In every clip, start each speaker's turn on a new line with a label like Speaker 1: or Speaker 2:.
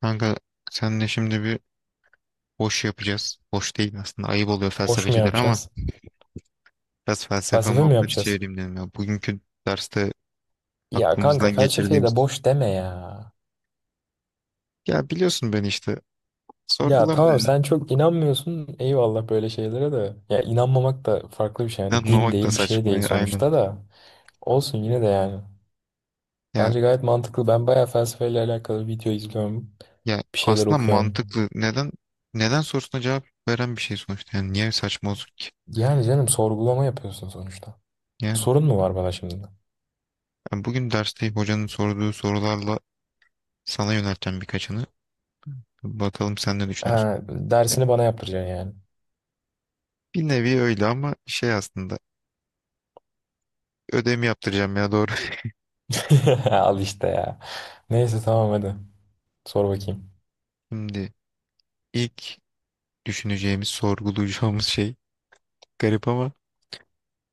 Speaker 1: Kanka senle şimdi bir boş yapacağız. Boş değil aslında ayıp oluyor
Speaker 2: Boş mu
Speaker 1: felsefeciler ama
Speaker 2: yapacağız?
Speaker 1: biraz felsefe
Speaker 2: Felsefe mi
Speaker 1: muhabbeti
Speaker 2: yapacağız?
Speaker 1: çevireyim dedim ya. Bugünkü derste
Speaker 2: Ya kanka
Speaker 1: aklımızdan
Speaker 2: felsefeye
Speaker 1: geçirdiğimiz...
Speaker 2: de boş deme ya.
Speaker 1: Ya biliyorsun ben işte
Speaker 2: Ya
Speaker 1: sorgulama
Speaker 2: tamam
Speaker 1: ya.
Speaker 2: sen çok inanmıyorsun eyvallah böyle şeylere de. Ya inanmamak da farklı bir şey yani din
Speaker 1: İnanmamak da
Speaker 2: değil bir şey
Speaker 1: saçma
Speaker 2: değil
Speaker 1: ya, aynen.
Speaker 2: sonuçta da. Olsun yine de yani.
Speaker 1: Ya,
Speaker 2: Bence gayet mantıklı. Ben bayağı felsefeyle alakalı video izliyorum.
Speaker 1: ya,
Speaker 2: Bir şeyler
Speaker 1: aslında
Speaker 2: okuyorum.
Speaker 1: mantıklı. Neden sorusuna cevap veren bir şey sonuçta. Yani niye saçma olsun ki?
Speaker 2: Yani canım sorgulama yapıyorsun sonuçta.
Speaker 1: Yani
Speaker 2: Sorun mu var bana şimdi?
Speaker 1: ben bugün derste hocanın sorduğu sorularla sana yönelteceğim birkaçını. Bakalım sen ne düşünüyorsun?
Speaker 2: Ha,
Speaker 1: Ya,
Speaker 2: dersini bana yaptıracaksın yani.
Speaker 1: bir nevi öyle ama şey aslında ödevimi yaptıracağım ya, doğru.
Speaker 2: Al işte ya. Neyse tamam hadi. Sor bakayım.
Speaker 1: Şimdi ilk düşüneceğimiz, sorgulayacağımız şey garip ama,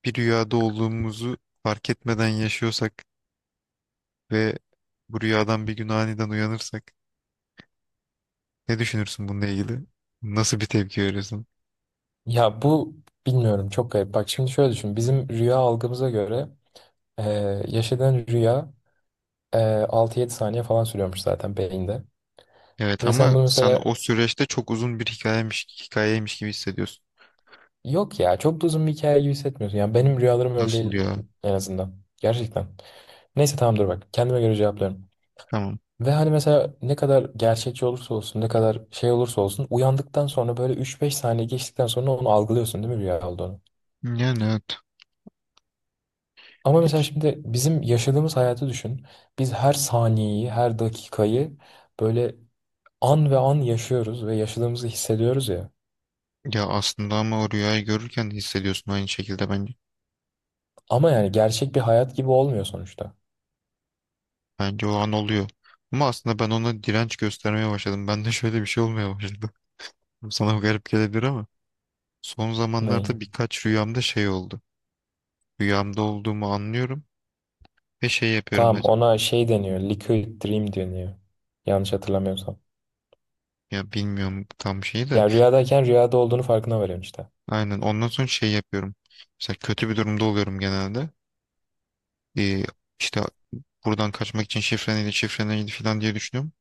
Speaker 1: bir rüyada olduğumuzu fark etmeden yaşıyorsak ve bu rüyadan bir gün aniden uyanırsak ne düşünürsün bununla ilgili? Nasıl bir tepki verirsin?
Speaker 2: Ya bu bilmiyorum çok garip. Bak şimdi şöyle düşün. Bizim rüya algımıza göre e, yaşadığın rüya e, 6-7 saniye falan sürüyormuş zaten beyinde.
Speaker 1: Evet
Speaker 2: Ve sen
Speaker 1: ama
Speaker 2: bunu
Speaker 1: sen
Speaker 2: mesela
Speaker 1: o süreçte çok uzun bir hikayeymiş gibi hissediyorsun.
Speaker 2: yok ya çok da uzun bir hikaye gibi hissetmiyorsun. Yani benim rüyalarım öyle
Speaker 1: Nasıl
Speaker 2: değil
Speaker 1: ya?
Speaker 2: en azından. Gerçekten. Neyse tamam dur bak. Kendime göre cevaplıyorum.
Speaker 1: Tamam.
Speaker 2: Ve hani mesela ne kadar gerçekçi olursa olsun, ne kadar şey olursa olsun uyandıktan sonra böyle üç beş saniye geçtikten sonra onu algılıyorsun değil mi rüya olduğunu?
Speaker 1: Yani evet.
Speaker 2: Ama mesela şimdi bizim yaşadığımız hayatı düşün. Biz her saniyeyi, her dakikayı böyle an ve an yaşıyoruz ve yaşadığımızı hissediyoruz ya.
Speaker 1: Ya aslında ama o rüyayı görürken de hissediyorsun aynı şekilde bence.
Speaker 2: Ama yani gerçek bir hayat gibi olmuyor sonuçta.
Speaker 1: Bence o an oluyor. Ama aslında ben ona direnç göstermeye başladım. Bende şöyle bir şey olmaya başladı. Sana garip gelebilir ama son
Speaker 2: Ne?
Speaker 1: zamanlarda birkaç rüyamda şey oldu. Rüyamda olduğumu anlıyorum ve şey yapıyorum
Speaker 2: Tamam
Speaker 1: mesela.
Speaker 2: ona şey deniyor. Liquid dream deniyor. Yanlış hatırlamıyorsam.
Speaker 1: Ya bilmiyorum tam şeyi de.
Speaker 2: Yani rüyadayken rüyada olduğunu farkına varıyorsun işte.
Speaker 1: Aynen, ondan sonra şey yapıyorum. Mesela kötü bir durumda oluyorum genelde. Ee, işte buradan kaçmak için şifre neydi, şifre neydi falan diye düşünüyorum.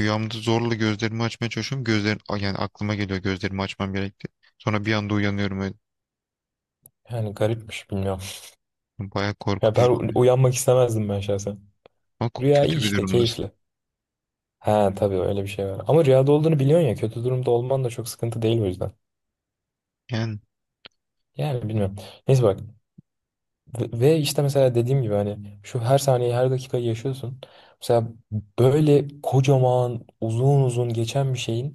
Speaker 1: Rüyamda zorla gözlerimi açmaya çalışıyorum. Gözlerim, yani aklıma geliyor gözlerimi açmam gerekti. Sonra bir anda uyanıyorum öyle.
Speaker 2: Yani garipmiş bilmiyorum.
Speaker 1: Baya
Speaker 2: Ya ben
Speaker 1: korkutucu oluyor.
Speaker 2: uyanmak istemezdim ben şahsen.
Speaker 1: Ama
Speaker 2: Rüya iyi
Speaker 1: kötü bir
Speaker 2: işte
Speaker 1: durumdasın.
Speaker 2: keyifli. Ha tabii öyle bir şey var. Ama rüyada olduğunu biliyorsun ya kötü durumda olman da çok sıkıntı değil o yüzden.
Speaker 1: Yani,
Speaker 2: Yani bilmiyorum. Neyse bak. Ve işte mesela dediğim gibi hani şu her saniyeyi her dakikayı yaşıyorsun. Mesela böyle kocaman uzun uzun geçen bir şeyin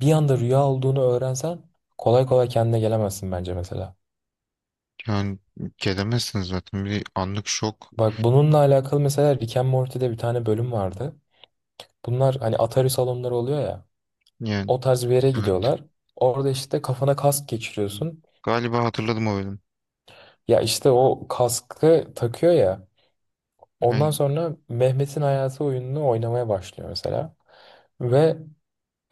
Speaker 2: bir anda rüya olduğunu öğrensen kolay kolay kendine gelemezsin bence mesela.
Speaker 1: yani, gelemezsin zaten. Bir anlık şok.
Speaker 2: Bak bununla alakalı mesela Rick and Morty'de bir tane bölüm vardı. Bunlar hani Atari salonları oluyor ya.
Speaker 1: Yani
Speaker 2: O tarz bir yere
Speaker 1: evet.
Speaker 2: gidiyorlar. Orada işte kafana kask geçiriyorsun.
Speaker 1: Galiba hatırladım o bölüm.
Speaker 2: Ya işte o kaskı takıyor ya. Ondan
Speaker 1: Aynen.
Speaker 2: sonra Mehmet'in hayatı oyununu oynamaya başlıyor mesela. Ve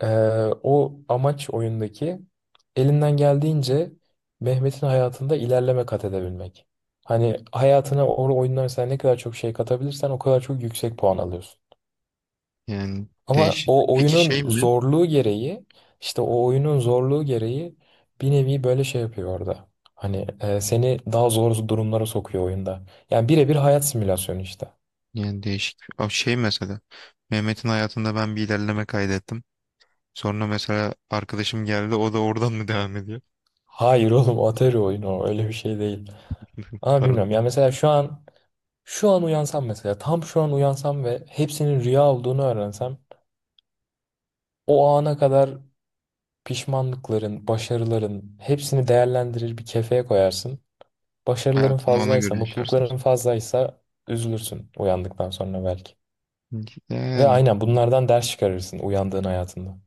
Speaker 2: o amaç oyundaki elinden geldiğince Mehmet'in hayatında ilerleme kat edebilmek. Hani hayatına o oyundan mesela ne kadar çok şey katabilirsen o kadar çok yüksek puan alıyorsun.
Speaker 1: Yani
Speaker 2: Ama
Speaker 1: değişik.
Speaker 2: o
Speaker 1: Peki şey
Speaker 2: oyunun
Speaker 1: mi?
Speaker 2: zorluğu gereği işte o oyunun zorluğu gereği bir nevi böyle şey yapıyor orada. Hani seni daha zor durumlara sokuyor oyunda. Yani birebir hayat simülasyonu işte.
Speaker 1: Yani değişik. Abi şey mesela. Mehmet'in hayatında ben bir ilerleme kaydettim. Sonra mesela arkadaşım geldi. O da oradan mı devam ediyor?
Speaker 2: Hayır oğlum Atari oyunu o. Öyle bir şey değil. Ama bilmiyorum.
Speaker 1: Pardon.
Speaker 2: Ya mesela şu an uyansam mesela tam şu an uyansam ve hepsinin rüya olduğunu öğrensem o ana kadar pişmanlıkların, başarıların hepsini değerlendirir bir kefeye koyarsın. Başarıların
Speaker 1: Hayatını ona
Speaker 2: fazlaysa,
Speaker 1: göre yaşarsınız.
Speaker 2: mutlulukların fazlaysa üzülürsün uyandıktan sonra belki. Ve
Speaker 1: Yani
Speaker 2: aynen bunlardan ders çıkarırsın uyandığın hayatında.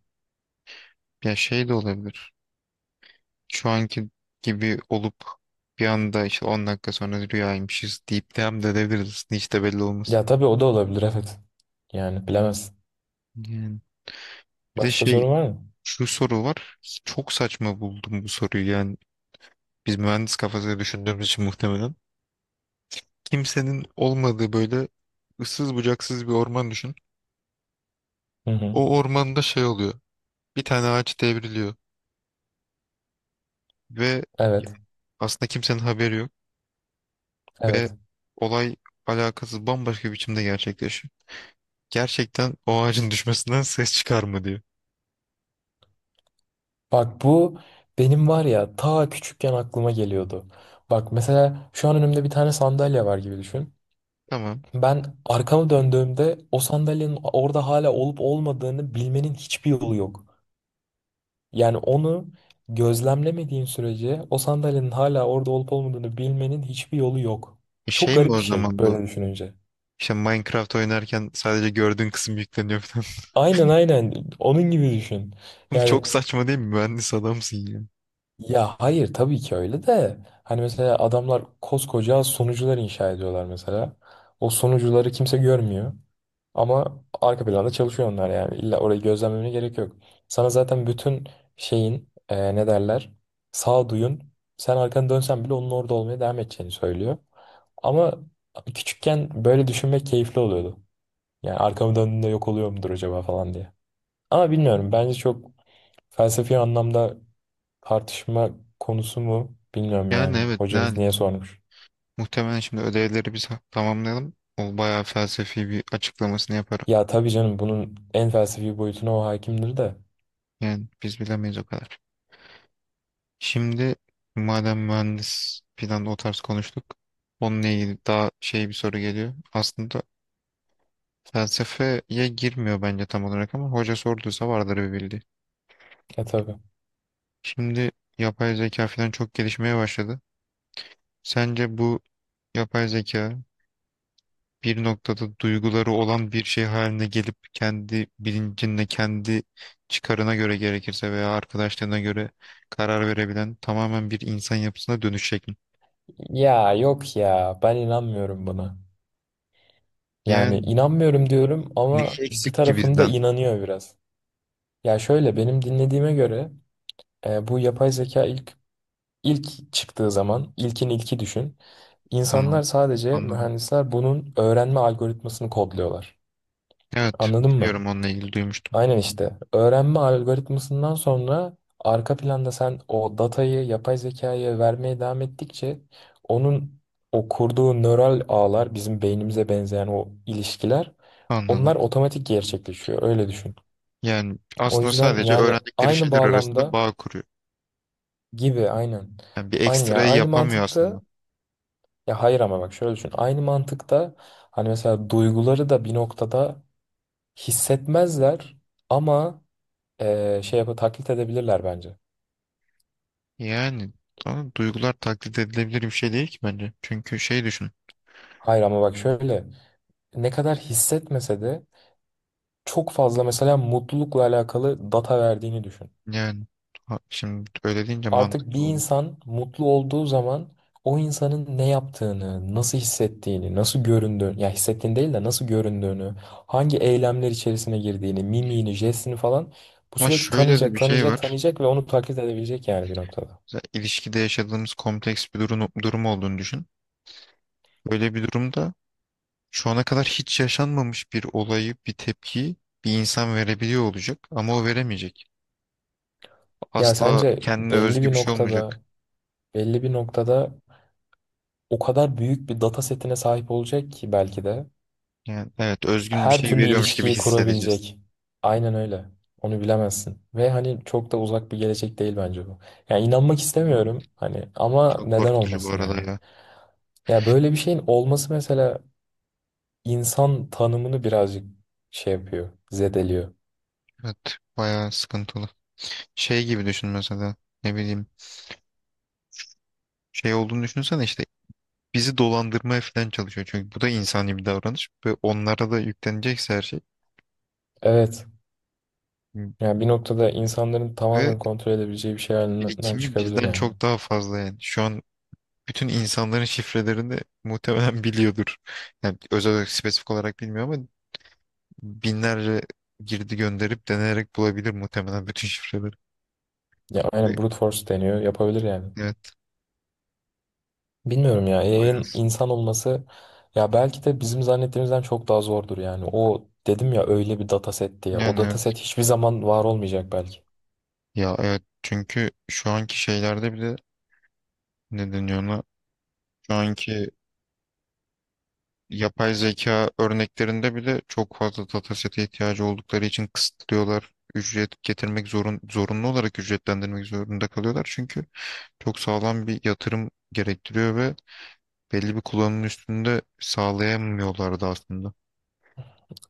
Speaker 1: ya şey de olabilir. Şu anki gibi olup bir anda işte 10 dakika sonra rüyaymışız deyip devam da edebiliriz. Hiç de belli olmaz.
Speaker 2: Ya tabii o da olabilir evet. Yani bilemezsin.
Speaker 1: Yani bir de
Speaker 2: Başka
Speaker 1: şey,
Speaker 2: sorun var mı?
Speaker 1: şu soru var. Çok saçma buldum bu soruyu. Yani biz mühendis kafasıyla düşündüğümüz için muhtemelen. Kimsenin olmadığı böyle ıssız bucaksız bir orman düşün.
Speaker 2: Hı hı.
Speaker 1: O ormanda şey oluyor. Bir tane ağaç devriliyor ve
Speaker 2: Evet.
Speaker 1: aslında kimsenin haberi yok ve
Speaker 2: Evet.
Speaker 1: olay alakasız bambaşka bir biçimde gerçekleşiyor. Gerçekten o ağacın düşmesinden ses çıkar mı diyor.
Speaker 2: Bak bu benim var ya ta küçükken aklıma geliyordu. Bak mesela şu an önümde bir tane sandalye var gibi düşün.
Speaker 1: Tamam.
Speaker 2: Ben arkamı döndüğümde o sandalyenin orada hala olup olmadığını bilmenin hiçbir yolu yok. Yani onu gözlemlemediğin sürece o sandalyenin hala orada olup olmadığını bilmenin hiçbir yolu yok.
Speaker 1: E
Speaker 2: Çok
Speaker 1: şey mi
Speaker 2: garip
Speaker 1: o
Speaker 2: bir şey
Speaker 1: zaman bu?
Speaker 2: böyle düşününce.
Speaker 1: İşte Minecraft oynarken sadece gördüğün kısım yükleniyor.
Speaker 2: Aynen onun gibi düşün.
Speaker 1: Oğlum,
Speaker 2: Yani
Speaker 1: çok saçma değil mi? Mühendis adamsın ya.
Speaker 2: ya hayır tabii ki öyle de hani mesela adamlar koskoca sunucular inşa ediyorlar mesela. O sunucuları kimse görmüyor ama arka planda çalışıyor onlar yani illa orayı gözlemlemene gerek yok. Sana zaten bütün şeyin ne derler sağduyun sen arkanı dönsen bile onun orada olmaya devam edeceğini söylüyor. Ama küçükken böyle düşünmek keyifli oluyordu. Yani arkamı döndüğümde yok oluyor mudur acaba falan diye. Ama bilmiyorum bence çok felsefi anlamda tartışma konusu mu? Bilmiyorum
Speaker 1: Yani
Speaker 2: yani.
Speaker 1: evet
Speaker 2: Hocanız niye sormuş?
Speaker 1: muhtemelen şimdi ödevleri biz tamamlayalım. O bayağı felsefi bir açıklamasını yaparım.
Speaker 2: Ya tabii canım bunun en felsefi boyutuna o hakimdir de.
Speaker 1: Yani biz bilemeyiz o kadar. Şimdi madem mühendis falan o tarz konuştuk. Onunla ilgili daha şey bir soru geliyor. Aslında felsefeye girmiyor bence tam olarak ama hoca sorduysa vardır bir bildiği.
Speaker 2: E tabii.
Speaker 1: Şimdi yapay zeka falan çok gelişmeye başladı. Sence bu yapay zeka bir noktada duyguları olan bir şey haline gelip kendi bilincinle, kendi çıkarına göre gerekirse veya arkadaşlarına göre karar verebilen tamamen bir insan yapısına dönüşecek mi?
Speaker 2: Ya yok ya ben inanmıyorum buna. Yani
Speaker 1: Yani
Speaker 2: inanmıyorum diyorum
Speaker 1: neyi
Speaker 2: ama bir
Speaker 1: eksik ki
Speaker 2: tarafım da
Speaker 1: bizden?
Speaker 2: inanıyor biraz. Ya şöyle benim dinlediğime göre bu yapay zeka ilk çıktığı zaman ilkin ilki düşün. İnsanlar
Speaker 1: Tamam,
Speaker 2: sadece
Speaker 1: anladım.
Speaker 2: mühendisler bunun öğrenme algoritmasını kodluyorlar.
Speaker 1: Evet,
Speaker 2: Anladın mı?
Speaker 1: biliyorum onunla ilgili duymuştum.
Speaker 2: Aynen işte. Öğrenme algoritmasından sonra arka planda sen o datayı yapay zekaya vermeye devam ettikçe onun o kurduğu nöral ağlar bizim beynimize benzeyen o ilişkiler onlar
Speaker 1: Anladım.
Speaker 2: otomatik gerçekleşiyor. Öyle düşün.
Speaker 1: Yani
Speaker 2: O
Speaker 1: aslında
Speaker 2: yüzden
Speaker 1: sadece
Speaker 2: yani
Speaker 1: öğrendikleri
Speaker 2: aynı
Speaker 1: şeyler arasında
Speaker 2: bağlamda
Speaker 1: bağ kuruyor.
Speaker 2: gibi aynen.
Speaker 1: Yani bir
Speaker 2: Aynı, yani
Speaker 1: ekstrayı
Speaker 2: aynı
Speaker 1: yapamıyor
Speaker 2: mantıkta
Speaker 1: aslında.
Speaker 2: ya hayır ama bak şöyle düşün. Aynı mantıkta hani mesela duyguları da bir noktada hissetmezler ama şey yapıp taklit edebilirler bence.
Speaker 1: Yani tamam, duygular taklit edilebilir bir şey değil ki bence. Çünkü şey düşün.
Speaker 2: Hayır ama bak şöyle ne kadar hissetmese de çok fazla mesela mutlulukla alakalı data verdiğini düşün.
Speaker 1: Yani şimdi öyle deyince
Speaker 2: Artık
Speaker 1: mantıklı
Speaker 2: bir
Speaker 1: oldu.
Speaker 2: insan mutlu olduğu zaman o insanın ne yaptığını, nasıl hissettiğini, nasıl göründüğünü, ya hissettiğini değil de nasıl göründüğünü, hangi eylemler içerisine girdiğini, mimiğini, jestini falan bu
Speaker 1: Ama
Speaker 2: sürekli
Speaker 1: şöyle de
Speaker 2: tanıyacak,
Speaker 1: bir şey
Speaker 2: tanıyacak,
Speaker 1: var.
Speaker 2: tanıyacak ve onu taklit edebilecek yani bir noktada.
Speaker 1: Mesela ilişkide yaşadığımız kompleks bir durum olduğunu düşün. Böyle bir durumda şu ana kadar hiç yaşanmamış bir olayı, bir tepkiyi bir insan verebiliyor olacak ama o veremeyecek.
Speaker 2: Ya
Speaker 1: Asla
Speaker 2: sence
Speaker 1: kendine
Speaker 2: belli
Speaker 1: özgü
Speaker 2: bir
Speaker 1: bir şey olmayacak.
Speaker 2: noktada, belli bir noktada o kadar büyük bir data setine sahip olacak ki belki de
Speaker 1: Yani evet, özgün bir
Speaker 2: her
Speaker 1: şey
Speaker 2: türlü
Speaker 1: veriyormuş gibi
Speaker 2: ilişkiyi
Speaker 1: hissedeceğiz.
Speaker 2: kurabilecek. Aynen öyle. Onu bilemezsin. Ve hani çok da uzak bir gelecek değil bence bu. Yani inanmak
Speaker 1: Bilmiyorum,
Speaker 2: istemiyorum hani ama
Speaker 1: çok
Speaker 2: neden
Speaker 1: korkutucu bu
Speaker 2: olmasın
Speaker 1: arada
Speaker 2: ya?
Speaker 1: ya.
Speaker 2: Ya böyle bir şeyin olması mesela insan tanımını birazcık şey yapıyor, zedeliyor.
Speaker 1: Evet, bayağı sıkıntılı. Şey gibi düşün mesela, ne bileyim, şey olduğunu düşünsene işte, bizi dolandırmaya falan çalışıyor. Çünkü bu da insani bir davranış ve onlara da yüklenecekse her şey
Speaker 2: Evet.
Speaker 1: m-
Speaker 2: Yani bir noktada insanların
Speaker 1: ve
Speaker 2: tamamen kontrol edebileceği bir şey halinden
Speaker 1: birikimi
Speaker 2: çıkabilir
Speaker 1: bizden
Speaker 2: yani.
Speaker 1: çok daha fazla yani. Şu an bütün insanların şifrelerini muhtemelen biliyordur. Yani özel olarak spesifik olarak bilmiyor ama binlerce girdi gönderip deneyerek bulabilir muhtemelen bütün şifreleri.
Speaker 2: Ya
Speaker 1: Ve
Speaker 2: aynen brute force deniyor, yapabilir yani.
Speaker 1: evet,
Speaker 2: Bilmiyorum ya
Speaker 1: bayağı.
Speaker 2: yayın insan olması ya belki de bizim zannettiğimizden çok daha zordur yani. O dedim ya öyle bir dataset diye. O
Speaker 1: Yani evet.
Speaker 2: dataset hiçbir zaman var olmayacak belki.
Speaker 1: Ya evet, çünkü şu anki şeylerde bile ne deniyor ona? Şu anki yapay zeka örneklerinde bile çok fazla datasete ihtiyacı oldukları için kısıtlıyorlar. Ücret getirmek zorunlu olarak ücretlendirmek zorunda kalıyorlar. Çünkü çok sağlam bir yatırım gerektiriyor ve belli bir kullanımın üstünde sağlayamıyorlardı aslında.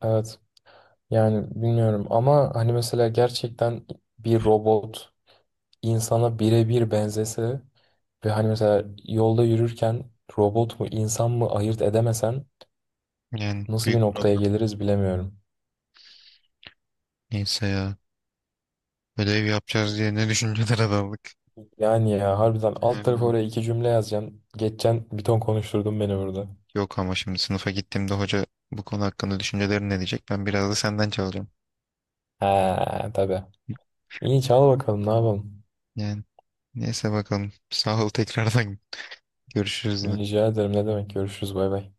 Speaker 2: Evet yani bilmiyorum ama hani mesela gerçekten bir robot insana birebir benzese ve hani mesela yolda yürürken robot mu insan mı ayırt edemesen
Speaker 1: Yani
Speaker 2: nasıl bir
Speaker 1: büyük
Speaker 2: noktaya
Speaker 1: problem.
Speaker 2: geliriz bilemiyorum.
Speaker 1: Neyse ya. Ödev yapacağız diye ne düşünceler aldık.
Speaker 2: Yani ya harbiden alt tarafa
Speaker 1: Hmm.
Speaker 2: oraya iki cümle yazacaksın. Geçeceksin bir ton konuşturdun beni burada.
Speaker 1: Yok ama şimdi sınıfa gittiğimde hoca bu konu hakkında düşüncelerin ne diyecek? Ben biraz da senden çalacağım.
Speaker 2: Ha tabii. İyi çal bakalım ne yapalım.
Speaker 1: Yani neyse bakalım. Sağ ol tekrardan. Görüşürüz yine.
Speaker 2: Rica ederim ne demek görüşürüz bay bay.